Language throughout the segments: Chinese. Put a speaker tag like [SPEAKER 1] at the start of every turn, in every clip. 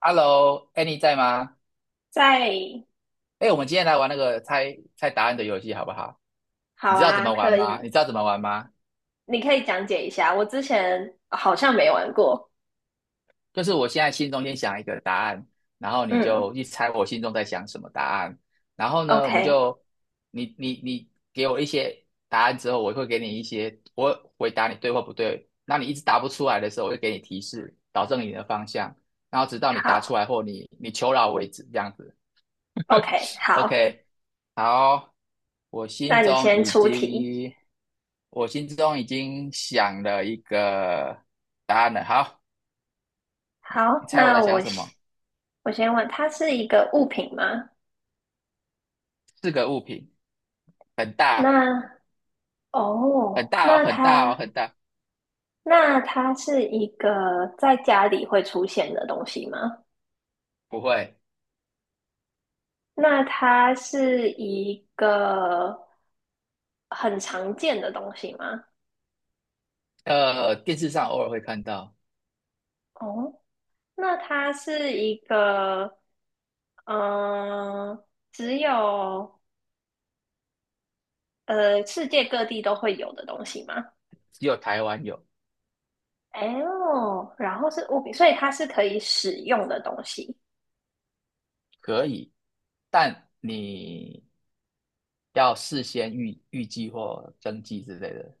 [SPEAKER 1] Hello，哎，在吗？
[SPEAKER 2] 在。
[SPEAKER 1] 哎，我们今天来玩那个猜猜答案的游戏，好不好？你
[SPEAKER 2] 好
[SPEAKER 1] 知道怎
[SPEAKER 2] 啊，
[SPEAKER 1] 么玩
[SPEAKER 2] 可
[SPEAKER 1] 吗？你
[SPEAKER 2] 以，
[SPEAKER 1] 知道怎么玩吗？
[SPEAKER 2] 你可以讲解一下。我之前好像没玩过。
[SPEAKER 1] 就是我现在心中先想一个答案，然后你
[SPEAKER 2] 嗯
[SPEAKER 1] 就去猜我心中在想什么答案，然后呢，我们
[SPEAKER 2] ，OK，
[SPEAKER 1] 就你给我一些答案之后，我会给你一些，我会回答你对或不对。那你一直答不出来的时候，我就给你提示，导正你的方向，然后直到你答出
[SPEAKER 2] 好
[SPEAKER 1] 来或你求饶为止，这样子。
[SPEAKER 2] ，OK，好，
[SPEAKER 1] OK，好，我心
[SPEAKER 2] 那你
[SPEAKER 1] 中
[SPEAKER 2] 先
[SPEAKER 1] 已
[SPEAKER 2] 出题。
[SPEAKER 1] 经，我心中已经想了一个答案了。好，你
[SPEAKER 2] 好，
[SPEAKER 1] 猜我在
[SPEAKER 2] 那
[SPEAKER 1] 想
[SPEAKER 2] 我
[SPEAKER 1] 什么？
[SPEAKER 2] 先我先问，它是一个物品吗？
[SPEAKER 1] 四个物品，很大，
[SPEAKER 2] 那
[SPEAKER 1] 很
[SPEAKER 2] 哦，
[SPEAKER 1] 大哦，
[SPEAKER 2] 那
[SPEAKER 1] 很大哦，
[SPEAKER 2] 它
[SPEAKER 1] 很大。
[SPEAKER 2] 那它是一个在家里会出现的东西吗？
[SPEAKER 1] 不会，
[SPEAKER 2] 那它是一个很常见的东西吗？
[SPEAKER 1] 电视上偶尔会看到，
[SPEAKER 2] 哦，那它是一个，呃，只有世界各地都会有的东西吗？
[SPEAKER 1] 只有台湾有，
[SPEAKER 2] 哦，然后是物品，所以它是可以使用的东西。
[SPEAKER 1] 可以，但你要事先预计或登记之类的，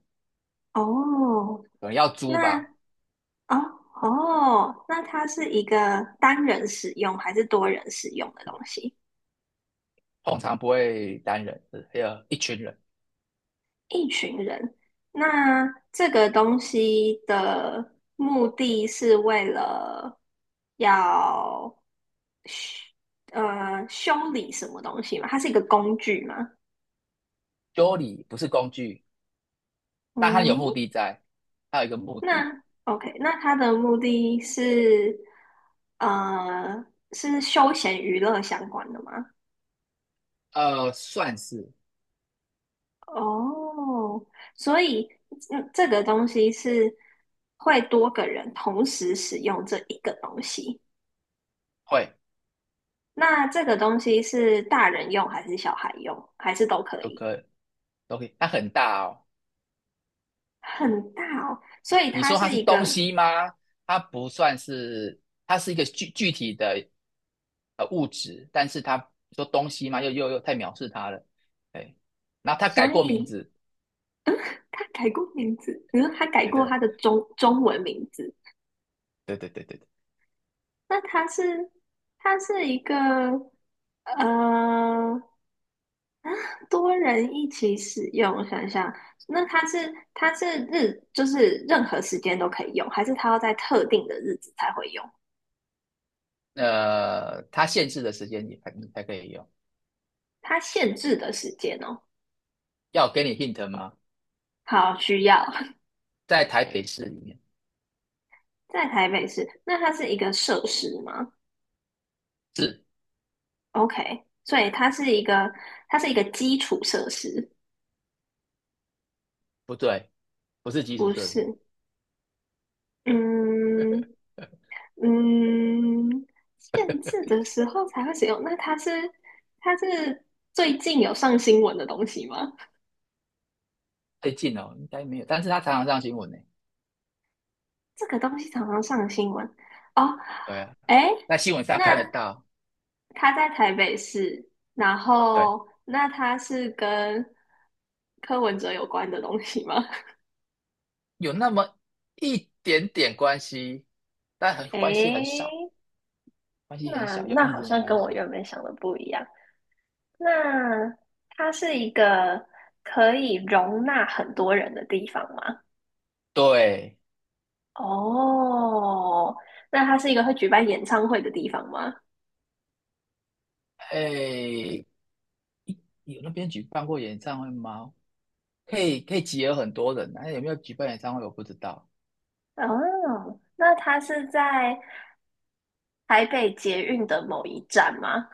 [SPEAKER 2] 哦，
[SPEAKER 1] 可能要租
[SPEAKER 2] 那
[SPEAKER 1] 吧，
[SPEAKER 2] 哦哦，那它是一个单人使用还是多人使用的东西？
[SPEAKER 1] 通常不会单人，还有一群人。
[SPEAKER 2] 一群人，那这个东西的目的是为了要修修理什么东西吗？它是一个工具吗？
[SPEAKER 1] Dolly 不是工具。但他有
[SPEAKER 2] 嗯，
[SPEAKER 1] 目的在，他有一个目的，
[SPEAKER 2] 那 OK，那它的目的是呃是休闲娱乐相关的吗？
[SPEAKER 1] 算是，
[SPEAKER 2] 哦，所以嗯，这个东西是会多个人同时使用这一个东西。
[SPEAKER 1] 会
[SPEAKER 2] 那这个东西是大人用还是小孩用，还是都可
[SPEAKER 1] 都
[SPEAKER 2] 以？
[SPEAKER 1] 可以都可以。它很大哦，
[SPEAKER 2] 很大哦，所以
[SPEAKER 1] 你
[SPEAKER 2] 它
[SPEAKER 1] 说它
[SPEAKER 2] 是
[SPEAKER 1] 是
[SPEAKER 2] 一
[SPEAKER 1] 东
[SPEAKER 2] 个，
[SPEAKER 1] 西吗？它不算是，它是一个具体的物质，但是它说东西吗？又太藐视它了，哎。然后它
[SPEAKER 2] 所
[SPEAKER 1] 改过名
[SPEAKER 2] 以
[SPEAKER 1] 字，
[SPEAKER 2] 它改过名字，比如它改
[SPEAKER 1] 对
[SPEAKER 2] 过
[SPEAKER 1] 对
[SPEAKER 2] 它的中文名字，
[SPEAKER 1] 对对对对对。
[SPEAKER 2] 那它是一个呃多人一起使用，我想想，那它是日就是任何时间都可以用，还是它要在特定的日子才会用？
[SPEAKER 1] 它限制的时间也还你才可以用。
[SPEAKER 2] 它限制的时间哦，
[SPEAKER 1] 要我给你 hint 吗？
[SPEAKER 2] 好需要。
[SPEAKER 1] 在台北市里面
[SPEAKER 2] 在台北市，那它是一个设施吗
[SPEAKER 1] 是
[SPEAKER 2] ？OK，所以它是一个，它是一个基础设施，
[SPEAKER 1] 不对，不是基础
[SPEAKER 2] 不
[SPEAKER 1] 设施，
[SPEAKER 2] 是？嗯 嗯，限制的时候才会使用。那它是最近有上新闻的东西吗？
[SPEAKER 1] 最近哦，应该没有，但是它常常上新闻呢。
[SPEAKER 2] 这个东西常常上新闻哦。
[SPEAKER 1] 对啊，
[SPEAKER 2] 哎，
[SPEAKER 1] 在新闻上
[SPEAKER 2] 那
[SPEAKER 1] 看得到，
[SPEAKER 2] 它在台北市，然
[SPEAKER 1] 对，
[SPEAKER 2] 后那它是跟柯文哲有关的东西吗？
[SPEAKER 1] 有那么一点点关系，但很 关系很
[SPEAKER 2] 哎。
[SPEAKER 1] 少，关系很
[SPEAKER 2] 那
[SPEAKER 1] 小，有
[SPEAKER 2] 那
[SPEAKER 1] 一
[SPEAKER 2] 好
[SPEAKER 1] 点点
[SPEAKER 2] 像
[SPEAKER 1] 关
[SPEAKER 2] 跟我
[SPEAKER 1] 系。
[SPEAKER 2] 原本想的不一样。那它是一个可以容纳很多人的地方吗？
[SPEAKER 1] 对，
[SPEAKER 2] 哦，那它是一个会举办演唱会的地方吗？
[SPEAKER 1] 哎，有那边举办过演唱会吗？可以可以集合很多人啊，那有没有举办演唱会我不知道，
[SPEAKER 2] 哦，那它是在台北捷运的某一站吗？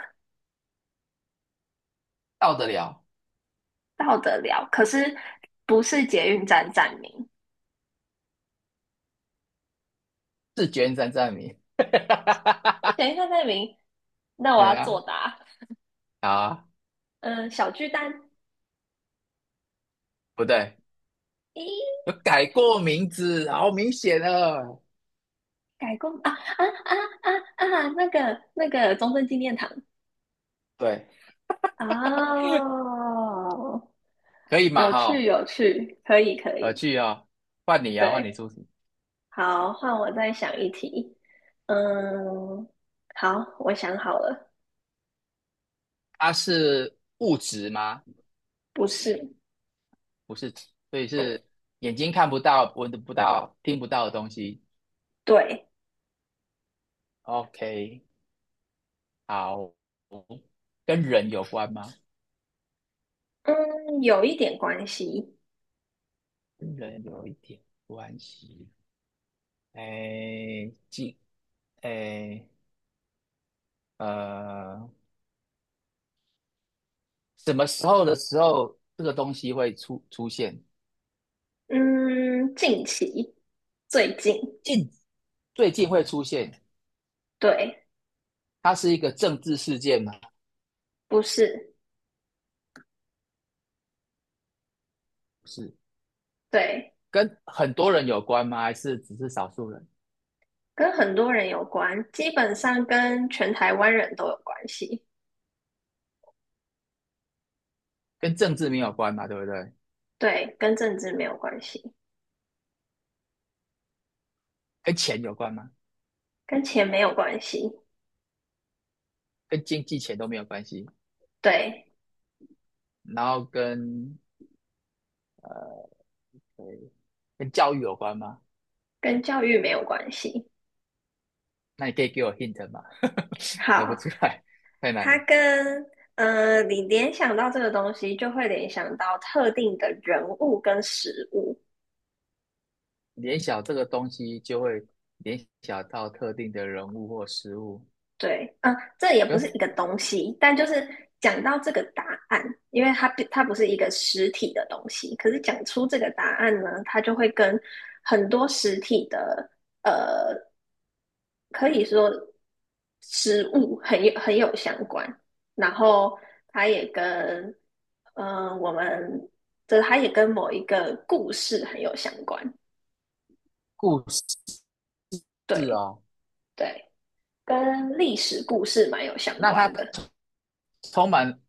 [SPEAKER 1] 到得了，
[SPEAKER 2] 到得了，可是不是捷运站站名。
[SPEAKER 1] 是觉三站名。
[SPEAKER 2] 等一下站名，那我
[SPEAKER 1] 对
[SPEAKER 2] 要作
[SPEAKER 1] 啊，
[SPEAKER 2] 答。
[SPEAKER 1] 好啊，
[SPEAKER 2] 嗯，小巨蛋。
[SPEAKER 1] 不对，
[SPEAKER 2] 咦，
[SPEAKER 1] 有改过名字，好明显了。
[SPEAKER 2] 改过啊！那个那个中正纪念堂，
[SPEAKER 1] 对，
[SPEAKER 2] 哦，
[SPEAKER 1] 可以嘛
[SPEAKER 2] 有趣
[SPEAKER 1] 哈，
[SPEAKER 2] 有趣，可以可
[SPEAKER 1] 我
[SPEAKER 2] 以，
[SPEAKER 1] 去哦，换你啊，换你
[SPEAKER 2] 对，
[SPEAKER 1] 出题。
[SPEAKER 2] 好，换我再想一题。嗯，好，我想好了，
[SPEAKER 1] 它是物质吗？
[SPEAKER 2] 不是，
[SPEAKER 1] 不是，所以是眼睛看不到、闻得不到、听不到的东西。
[SPEAKER 2] 对，
[SPEAKER 1] OK，好，跟人有关吗？
[SPEAKER 2] 嗯，有一点关系，
[SPEAKER 1] 跟人有一点关系。哎，哎呃，什么时候的时候这个东西会出现？
[SPEAKER 2] 嗯，近期，最近，
[SPEAKER 1] 近最近会出现？
[SPEAKER 2] 对，
[SPEAKER 1] 它是一个政治事件吗？
[SPEAKER 2] 不是，
[SPEAKER 1] 不是，
[SPEAKER 2] 对，
[SPEAKER 1] 跟很多人有关吗？还是只是少数人？
[SPEAKER 2] 跟很多人有关，基本上跟全台湾人都有关系，
[SPEAKER 1] 跟政治没有关嘛，对不对？
[SPEAKER 2] 对，跟政治没有关系，
[SPEAKER 1] 跟钱有关吗？
[SPEAKER 2] 跟钱没有关系，
[SPEAKER 1] 跟经济钱都没有关系，
[SPEAKER 2] 对，
[SPEAKER 1] 然后呃跟教育有关吗？
[SPEAKER 2] 跟教育没有关系。
[SPEAKER 1] 那你可以给我 hint 吗？猜不
[SPEAKER 2] 好，
[SPEAKER 1] 出来，太难
[SPEAKER 2] 它
[SPEAKER 1] 了。
[SPEAKER 2] 跟你联想到这个东西，就会联想到特定的人物跟食物。
[SPEAKER 1] 联想这个东西就会联想到特定的人物或事物
[SPEAKER 2] 对，嗯、这也不是
[SPEAKER 1] 跟
[SPEAKER 2] 一个东西，但就是讲到这个答案，因为它不是一个实体的东西，可是讲出这个答案呢，它就会跟很多实体的呃。可以说食物很有相关，然后它也跟嗯、我们这它也跟某一个故事很有相关，
[SPEAKER 1] 故事
[SPEAKER 2] 对
[SPEAKER 1] 哦。
[SPEAKER 2] 对，跟历史故事蛮有相
[SPEAKER 1] 那
[SPEAKER 2] 关
[SPEAKER 1] 它
[SPEAKER 2] 的。
[SPEAKER 1] 充满，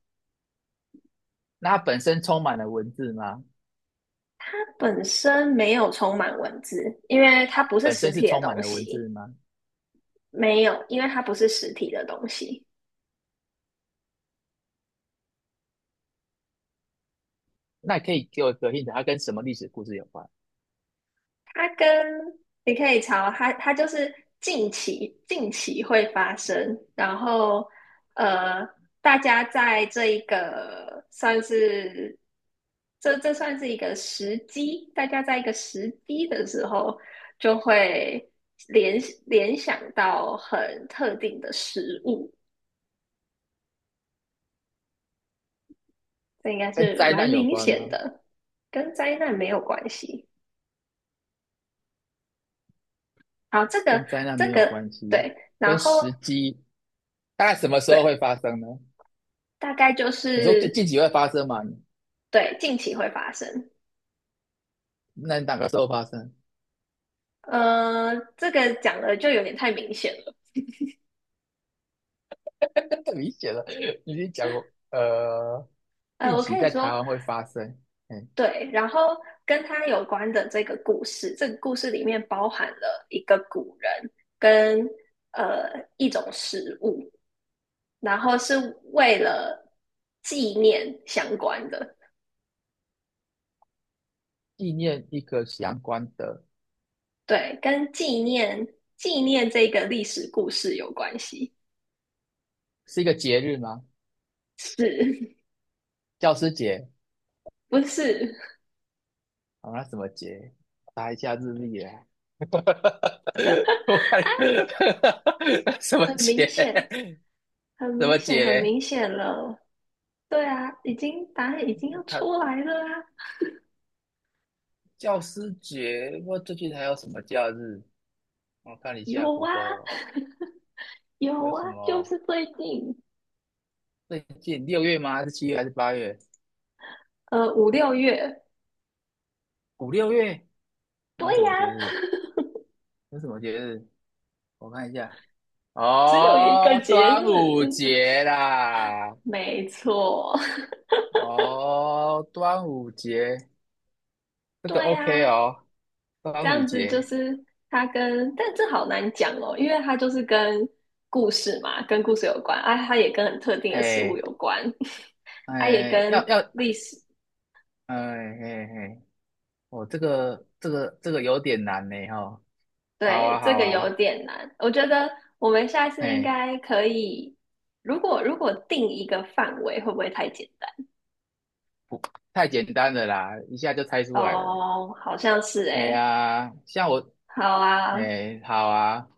[SPEAKER 1] 那它本身充满了文字吗？
[SPEAKER 2] 本身没有充满文字，因为它不是
[SPEAKER 1] 本
[SPEAKER 2] 实
[SPEAKER 1] 身是
[SPEAKER 2] 体的
[SPEAKER 1] 充满
[SPEAKER 2] 东
[SPEAKER 1] 了文
[SPEAKER 2] 西，
[SPEAKER 1] 字吗？
[SPEAKER 2] 没有，因为它不是实体的东西。
[SPEAKER 1] 那你可以给我一个 hint，它跟什么历史故事有关？
[SPEAKER 2] 它跟你可以查哦，它它就是近期会发生，然后呃，大家在这一个算是这算是一个时机，大家在一个时机的时候就会联联想到很特定的食物，这应该
[SPEAKER 1] 跟
[SPEAKER 2] 是
[SPEAKER 1] 灾
[SPEAKER 2] 蛮
[SPEAKER 1] 难有
[SPEAKER 2] 明
[SPEAKER 1] 关
[SPEAKER 2] 显
[SPEAKER 1] 吗？
[SPEAKER 2] 的，跟灾难没有关系。好，这
[SPEAKER 1] 跟
[SPEAKER 2] 个
[SPEAKER 1] 灾难没
[SPEAKER 2] 这
[SPEAKER 1] 有
[SPEAKER 2] 个
[SPEAKER 1] 关系，
[SPEAKER 2] 对，然
[SPEAKER 1] 跟
[SPEAKER 2] 后
[SPEAKER 1] 时机大概什么时
[SPEAKER 2] 对，
[SPEAKER 1] 候会发生呢？
[SPEAKER 2] 大概就
[SPEAKER 1] 你说最
[SPEAKER 2] 是。
[SPEAKER 1] 近期会发生吗？
[SPEAKER 2] 对，近期会发生。
[SPEAKER 1] 那哪个时候发生？
[SPEAKER 2] 这个讲的就有点太明显了。
[SPEAKER 1] 太明显了，你已经讲过，近
[SPEAKER 2] 我可
[SPEAKER 1] 期
[SPEAKER 2] 以
[SPEAKER 1] 在台
[SPEAKER 2] 说，
[SPEAKER 1] 湾会发生，嗯，
[SPEAKER 2] 对，然后跟他有关的这个故事，这个故事里面包含了一个古人跟呃一种食物，然后是为了纪念相关的，
[SPEAKER 1] 纪念一个相关的，
[SPEAKER 2] 对，跟纪念这个历史故事有关系，
[SPEAKER 1] 是一个节日吗？
[SPEAKER 2] 是
[SPEAKER 1] 教师节，
[SPEAKER 2] 不是？
[SPEAKER 1] 啊，那什么节？查一下日历啊。我看 什么
[SPEAKER 2] 很
[SPEAKER 1] 节？
[SPEAKER 2] 明显，很
[SPEAKER 1] 什么
[SPEAKER 2] 明显，很
[SPEAKER 1] 节？
[SPEAKER 2] 明显了。对啊，已经答案已经要出
[SPEAKER 1] 他
[SPEAKER 2] 来了啊，
[SPEAKER 1] 教师节，我最近还有什么假日？我看一下
[SPEAKER 2] 有啊，
[SPEAKER 1] Google
[SPEAKER 2] 有
[SPEAKER 1] 有
[SPEAKER 2] 啊，
[SPEAKER 1] 什
[SPEAKER 2] 就
[SPEAKER 1] 么。
[SPEAKER 2] 是最近，
[SPEAKER 1] 最近六月吗？还是7月还是8月？
[SPEAKER 2] 五六月，
[SPEAKER 1] 五六月？还
[SPEAKER 2] 对
[SPEAKER 1] 有什
[SPEAKER 2] 呀、
[SPEAKER 1] 么节日？有什么节日？我看一下。
[SPEAKER 2] 只有一个
[SPEAKER 1] 哦，
[SPEAKER 2] 节日，
[SPEAKER 1] 端午 节啦！
[SPEAKER 2] 没错，
[SPEAKER 1] 哦，端午节 这个
[SPEAKER 2] 对
[SPEAKER 1] OK
[SPEAKER 2] 呀、
[SPEAKER 1] 哦，
[SPEAKER 2] 这
[SPEAKER 1] 端午
[SPEAKER 2] 样子就
[SPEAKER 1] 节，
[SPEAKER 2] 是它跟，但这好难讲哦，因为它就是跟故事嘛，跟故事有关，啊，它也跟很特定的食物
[SPEAKER 1] 哎
[SPEAKER 2] 有关，它也
[SPEAKER 1] 哎，
[SPEAKER 2] 跟
[SPEAKER 1] 要，
[SPEAKER 2] 历史。
[SPEAKER 1] 哎哎哎，哦，这个有点难呢哈、哦好
[SPEAKER 2] 对，
[SPEAKER 1] 啊
[SPEAKER 2] 这
[SPEAKER 1] 好
[SPEAKER 2] 个有
[SPEAKER 1] 啊，
[SPEAKER 2] 点难。我觉得我们下次应
[SPEAKER 1] 哎，
[SPEAKER 2] 该可以，如果定一个范围，会不会太简单？
[SPEAKER 1] 太简单了啦，一下就猜出来了。
[SPEAKER 2] 哦，好像是
[SPEAKER 1] 哎
[SPEAKER 2] 诶。
[SPEAKER 1] 呀，像我，
[SPEAKER 2] 好啊，
[SPEAKER 1] 哎，好啊，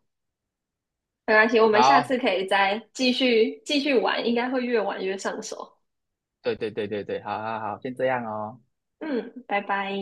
[SPEAKER 2] 没关系，我们下次
[SPEAKER 1] 好。
[SPEAKER 2] 可以再继续玩，应该会越玩越上手。
[SPEAKER 1] 对对对对对，好好好，先这样哦。
[SPEAKER 2] 嗯，拜拜。